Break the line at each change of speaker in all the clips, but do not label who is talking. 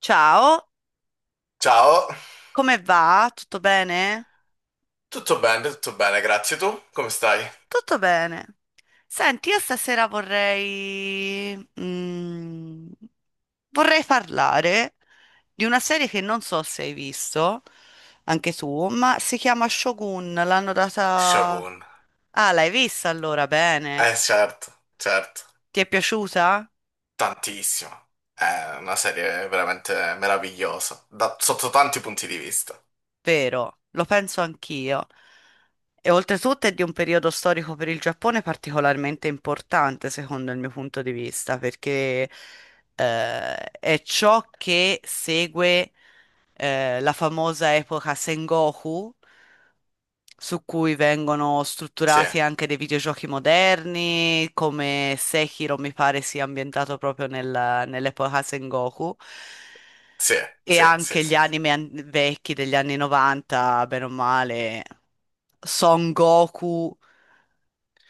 Ciao,
Ciao,
come va? Tutto bene?
tutto bene, grazie. Tu come stai?
Tutto bene. Senti, io stasera vorrei parlare di una serie che non so se hai visto, anche tu, ma si chiama Shogun, l'hanno data.
Shogun.
Ah, l'hai vista allora, bene.
Eh certo, certo,
Ti è piaciuta?
tantissimo. È una serie veramente meravigliosa, sotto tanti punti di vista.
Vero, lo penso anch'io. E oltretutto è di un periodo storico per il Giappone particolarmente importante, secondo il mio punto di vista, perché è ciò che segue la famosa epoca Sengoku, su cui vengono
Sì,
strutturati anche dei videogiochi moderni, come Sekiro mi pare sia ambientato proprio nell'epoca Sengoku,
sì,
e
sì, sì,
anche gli
sì.
anime vecchi degli anni 90, bene o male, Son Goku,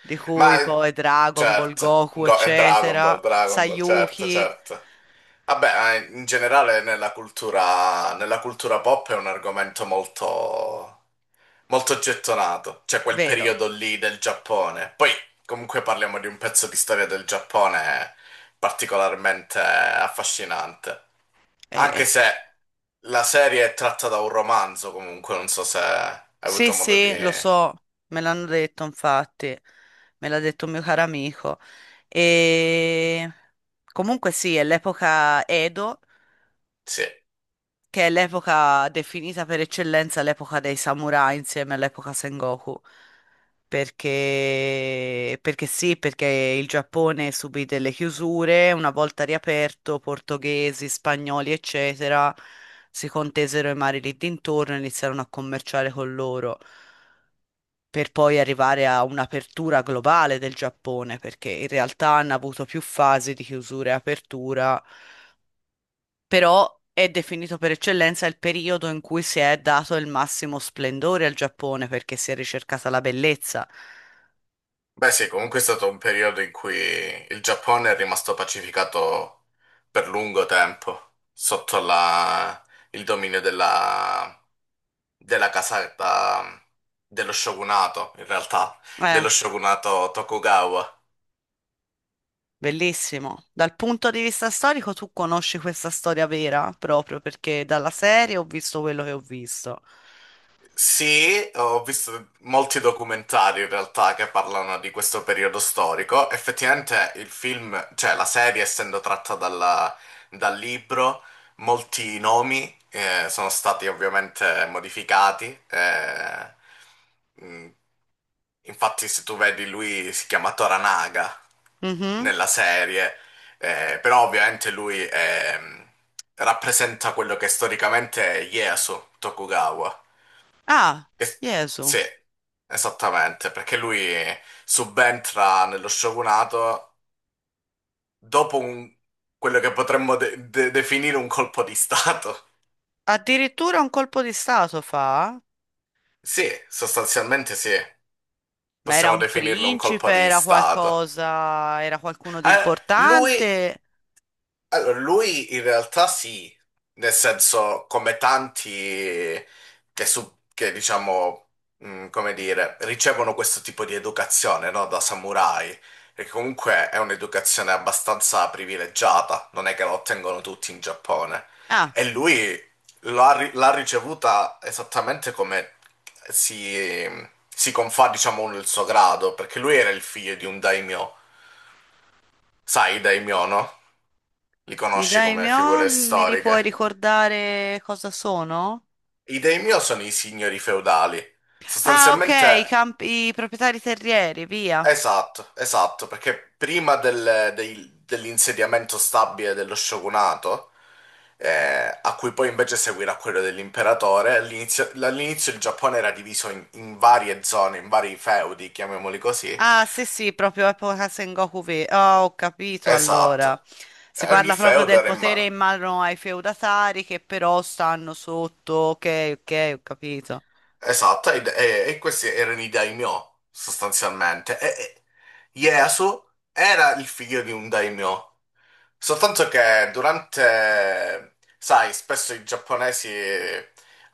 di
Ma
cui poi Dragon Ball
certo,
Goku,
Dragon Ball,
eccetera,
Dragon Ball, certo,
Sayuki,
certo. Vabbè, ma in generale nella cultura pop è un argomento molto molto gettonato, cioè quel
vero?
periodo lì del Giappone. Poi comunque parliamo di un pezzo di storia del Giappone particolarmente affascinante, anche
Eh,
se la serie è tratta da un romanzo comunque, non so se hai
Sì,
avuto modo di.
sì, lo so, me l'hanno detto infatti, me l'ha detto un mio caro amico. E comunque sì, è l'epoca Edo,
Sì.
che è l'epoca definita per eccellenza l'epoca dei samurai insieme all'epoca Sengoku. Perché sì, perché il Giappone subì delle chiusure, una volta riaperto, portoghesi, spagnoli, eccetera, si contesero i mari lì dintorno e iniziarono a commerciare con loro per poi arrivare a un'apertura globale del Giappone, perché in realtà hanno avuto più fasi di chiusura e apertura, però è definito per eccellenza il periodo in cui si è dato il massimo splendore al Giappone, perché si è ricercata la bellezza.
Beh sì, comunque è stato un periodo in cui il Giappone è rimasto pacificato per lungo tempo sotto il dominio della casata dello shogunato, in realtà,
Eh,
dello shogunato Tokugawa.
bellissimo. Dal punto di vista storico, tu conosci questa storia vera, proprio perché dalla serie ho visto quello che ho visto.
Sì, ho visto molti documentari in realtà che parlano di questo periodo storico. Effettivamente il film, cioè la serie essendo tratta dal libro, molti nomi sono stati ovviamente modificati. Mh, Infatti se tu vedi lui si chiama Toranaga
Mhm.
nella serie, però ovviamente lui rappresenta quello che storicamente è Ieyasu Tokugawa.
Ah,
Es- sì,
Gesù.
esattamente, perché lui subentra nello shogunato dopo quello che potremmo definire un colpo di stato.
Addirittura un colpo di stato fa?
Sì, sostanzialmente sì,
Ma era
possiamo
un
definirlo un colpo
principe,
di
era
stato.
qualcosa, era qualcuno di
Eh, lui
importante?
Allora, lui in realtà sì, nel senso come tanti che, diciamo, come dire, ricevono questo tipo di educazione, no, da samurai, perché comunque è un'educazione abbastanza privilegiata, non è che la ottengono tutti in Giappone.
Ah,
E lui l'ha ricevuta esattamente come si, si confà, diciamo, il suo grado, perché lui era il figlio di un daimyo, sai, i daimyo, no? Li
i
conosci come
daimyo,
figure storiche.
puoi ricordare cosa sono?
I dei mio sono i signori feudali.
Ah, ok, i,
Sostanzialmente,
camp- i proprietari terrieri, via.
esatto, esatto, perché prima dell'insediamento stabile dello shogunato, a cui poi invece seguirà quello dell'imperatore, all'inizio il Giappone era diviso in varie zone, in vari feudi, chiamiamoli così.
Ah, sì, sì, proprio epoca Sengoku V. Oh, ho capito
Esatto.
allora.
E
Si
ogni
parla proprio
feudo
del
era in
potere in
mano.
mano ai feudatari che però stanno sotto. Ok, ok, ho capito.
Esatto, e questi erano i daimyo, sostanzialmente. E Ieyasu era il figlio di un daimyo, soltanto che durante, sai, spesso i giapponesi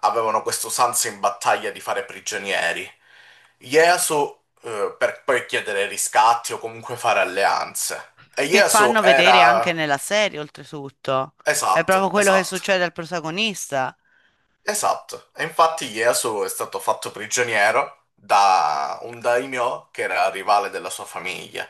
avevano questa usanza in battaglia di fare prigionieri. Ieyasu, per poi chiedere riscatti o comunque fare alleanze. E
Che
Ieyasu
fanno vedere anche
era.
nella serie, oltretutto. È proprio
Esatto,
quello che
esatto.
succede al protagonista.
Esatto, e infatti Ieyasu è stato fatto prigioniero da un daimyo che era rivale della sua famiglia.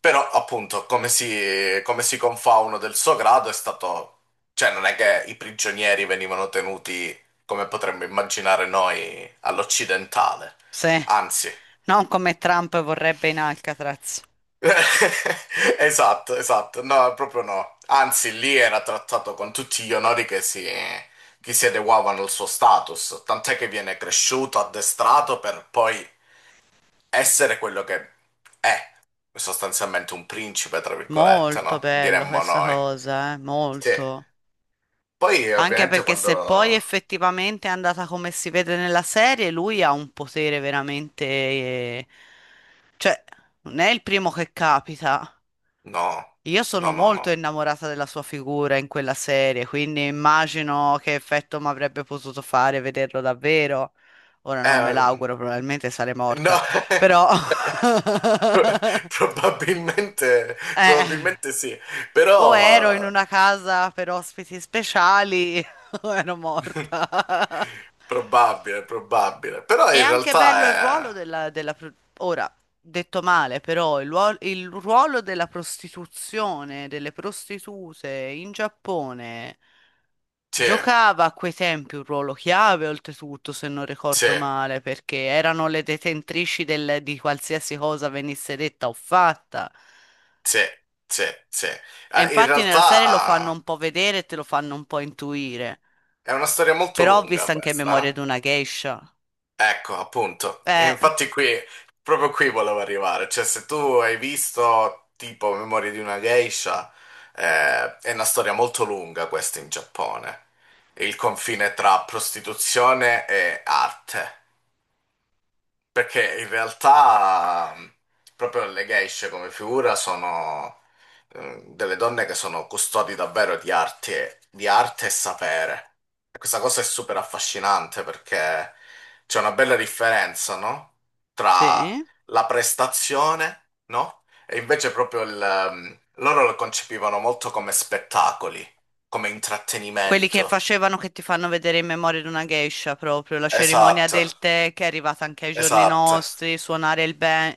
Però, appunto, come si confà uno del suo grado è stato. Cioè, non è che i prigionieri venivano tenuti come potremmo immaginare noi all'occidentale.
Sì,
Anzi.
non come Trump vorrebbe in Alcatraz.
Esatto, esatto, no, proprio no. Anzi, lì era trattato con tutti gli onori che si adeguavano al suo status, tant'è che viene cresciuto, addestrato per poi essere quello che è, sostanzialmente un principe, tra virgolette,
Molto
no?
bello
Diremmo
questa
noi.
cosa,
Sì.
molto.
Poi,
Anche
ovviamente,
perché
quando.
se poi effettivamente è andata come si vede nella serie, lui ha un potere veramente. Cioè, non è il primo che capita.
No,
Io sono
no, no, no.
molto innamorata della sua figura in quella serie, quindi immagino che effetto mi avrebbe potuto fare vederlo davvero. Ora non me
Eh,
l'auguro, probabilmente sarei
no,
morta, però.
probabilmente,
Eh,
probabilmente sì,
o ero in
però.
una casa per ospiti speciali o ero morta.
Probabile, probabile. Però
È
in
anche
realtà
bello il ruolo
è.
ora, detto male, però il ruolo della prostituzione, delle prostitute in Giappone
Sì,
giocava a quei tempi un ruolo chiave, oltretutto, se non
sì,
ricordo male, perché erano le detentrici di qualsiasi cosa venisse detta o fatta.
sì, sì, sì.
E
In
infatti nella serie lo fanno
realtà
un po' vedere e te lo fanno un po' intuire.
è una storia molto
Però ho
lunga
visto anche Memoria di
questa.
una geisha.
Eh? Ecco, appunto. E
Eh,
infatti qui, proprio qui volevo arrivare. Cioè, se tu hai visto tipo Memorie di una geisha, è una storia molto lunga questa in Giappone. Il confine tra prostituzione e arte. Perché in realtà proprio le geishe come figura sono delle donne che sono custodi davvero di arte e sapere. E questa cosa è super affascinante perché c'è una bella differenza, no? Tra
sì.
la prestazione, no? E invece proprio loro lo concepivano molto come spettacoli, come
Quelli che
intrattenimento.
facevano che ti fanno vedere in Memoria di una geisha proprio, la cerimonia
Esatto,
del tè che è arrivata anche ai giorni
esatto.
nostri, suonare il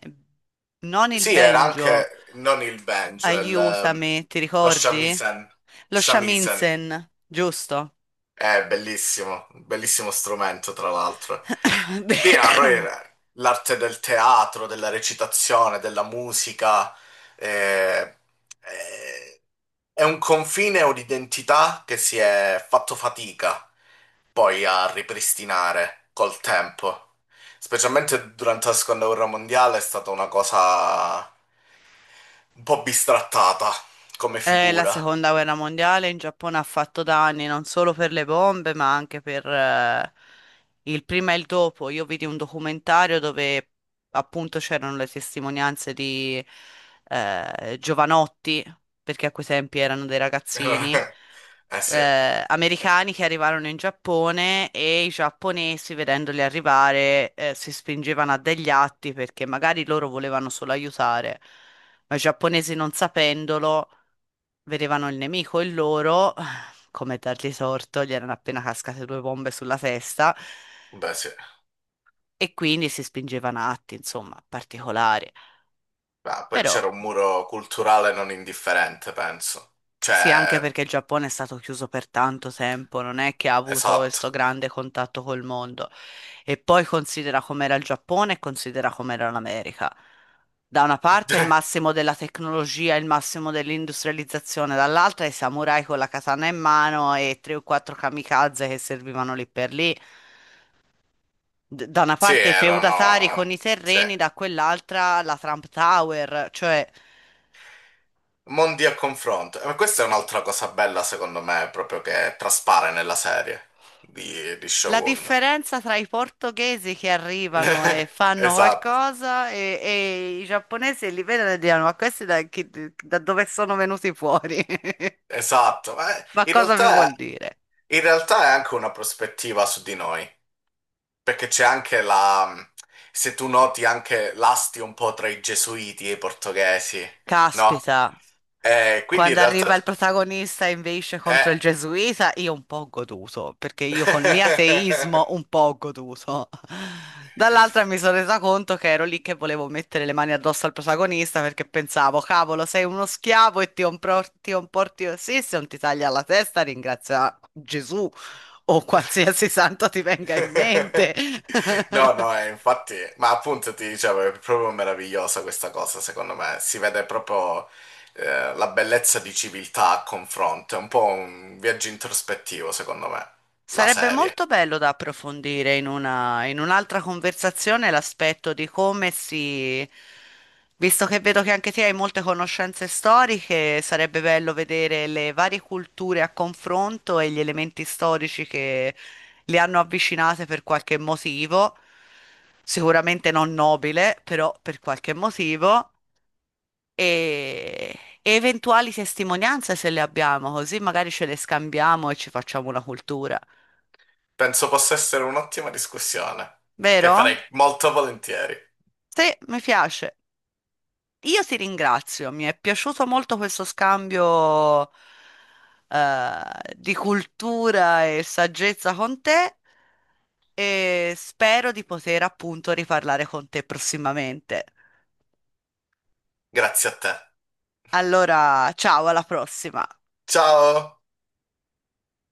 non il
Sì, era
banjo,
anche non il banjo,
aiutami, ti
lo
ricordi?
shamisen.
Lo
Shamisen
shamisen, giusto?
è bellissimo, un bellissimo strumento tra l'altro. Sì, ma poi era l'arte del teatro, della recitazione, della musica, eh, eh, è un confine o un'identità che si è fatto fatica poi a ripristinare col tempo. Specialmente durante la seconda guerra mondiale è stata una cosa un po' bistrattata come
La
figura.
seconda guerra mondiale in Giappone ha fatto danni non solo per le bombe, ma anche per il prima e il dopo. Io vidi un documentario dove appunto c'erano le testimonianze di giovanotti, perché a quei tempi erano dei ragazzini
Eh
americani che arrivarono in Giappone e i giapponesi, vedendoli arrivare, si spingevano a degli atti perché magari loro volevano solo aiutare, ma i giapponesi non sapendolo. Vedevano il nemico e loro, come dargli torto, gli erano appena cascate due bombe sulla testa
sì.
e quindi si spingevano a atti, insomma, particolari.
Beh, poi
Però
c'era un muro culturale non indifferente, penso.
Sì, anche
Cioè,
perché il Giappone è stato chiuso per tanto tempo, non è che ha avuto
esatto.
questo grande contatto col mondo. E poi considera com'era il Giappone e considera com'era l'America. Da una parte il massimo della tecnologia, il massimo dell'industrializzazione, dall'altra i samurai con la katana in mano e tre o quattro kamikaze che servivano lì per lì. Da una
Sì,
parte i feudatari
erano.
con i
Sì.
terreni, da quell'altra la Trump Tower, cioè.
Mondi a confronto. Ma questa è un'altra cosa bella, secondo me, proprio che traspare nella serie di
La
Shogun.
differenza tra i portoghesi che arrivano e fanno
Esatto,
qualcosa e i giapponesi li vedono e dicono: ma questi da dove sono venuti fuori?
esatto. Ma
Ma
in
cosa mi
realtà,
vuol dire?
in realtà è anche una prospettiva su di noi. Perché c'è anche la. Se tu noti anche l'asti un po' tra i gesuiti e i portoghesi, no?
Caspita.
Quindi in
Quando
realtà.
arriva il protagonista e invece
Eh...
contro il gesuita, io un po' ho goduto, perché io col mio ateismo un po' ho goduto. Dall'altra mi sono resa conto che ero lì che volevo mettere le mani addosso al protagonista perché pensavo, cavolo, sei uno schiavo e ti comporti, comporti così, se non ti taglia la testa, ringrazia Gesù o qualsiasi santo ti venga in mente.
No, no, infatti. Ma appunto ti dicevo, è proprio meravigliosa questa cosa, secondo me. Si vede proprio la bellezza di civiltà a confronto. È un po' un viaggio introspettivo, secondo me, la
Sarebbe
serie.
molto bello da approfondire in un'altra conversazione l'aspetto di come si. Visto che vedo che anche te hai molte conoscenze storiche, sarebbe bello vedere le varie culture a confronto e gli elementi storici che le hanno avvicinate per qualche motivo, sicuramente non nobile, però per qualche motivo, e, e eventuali testimonianze se le abbiamo, così magari ce le scambiamo e ci facciamo una cultura.
Penso possa essere un'ottima discussione, che farei
Vero?
molto volentieri.
Sì, mi piace. Io ti ringrazio, mi è piaciuto molto questo scambio eh, di cultura e saggezza con te e spero di poter appunto riparlare con te prossimamente.
Grazie a te.
Allora, ciao, alla prossima.
Ciao.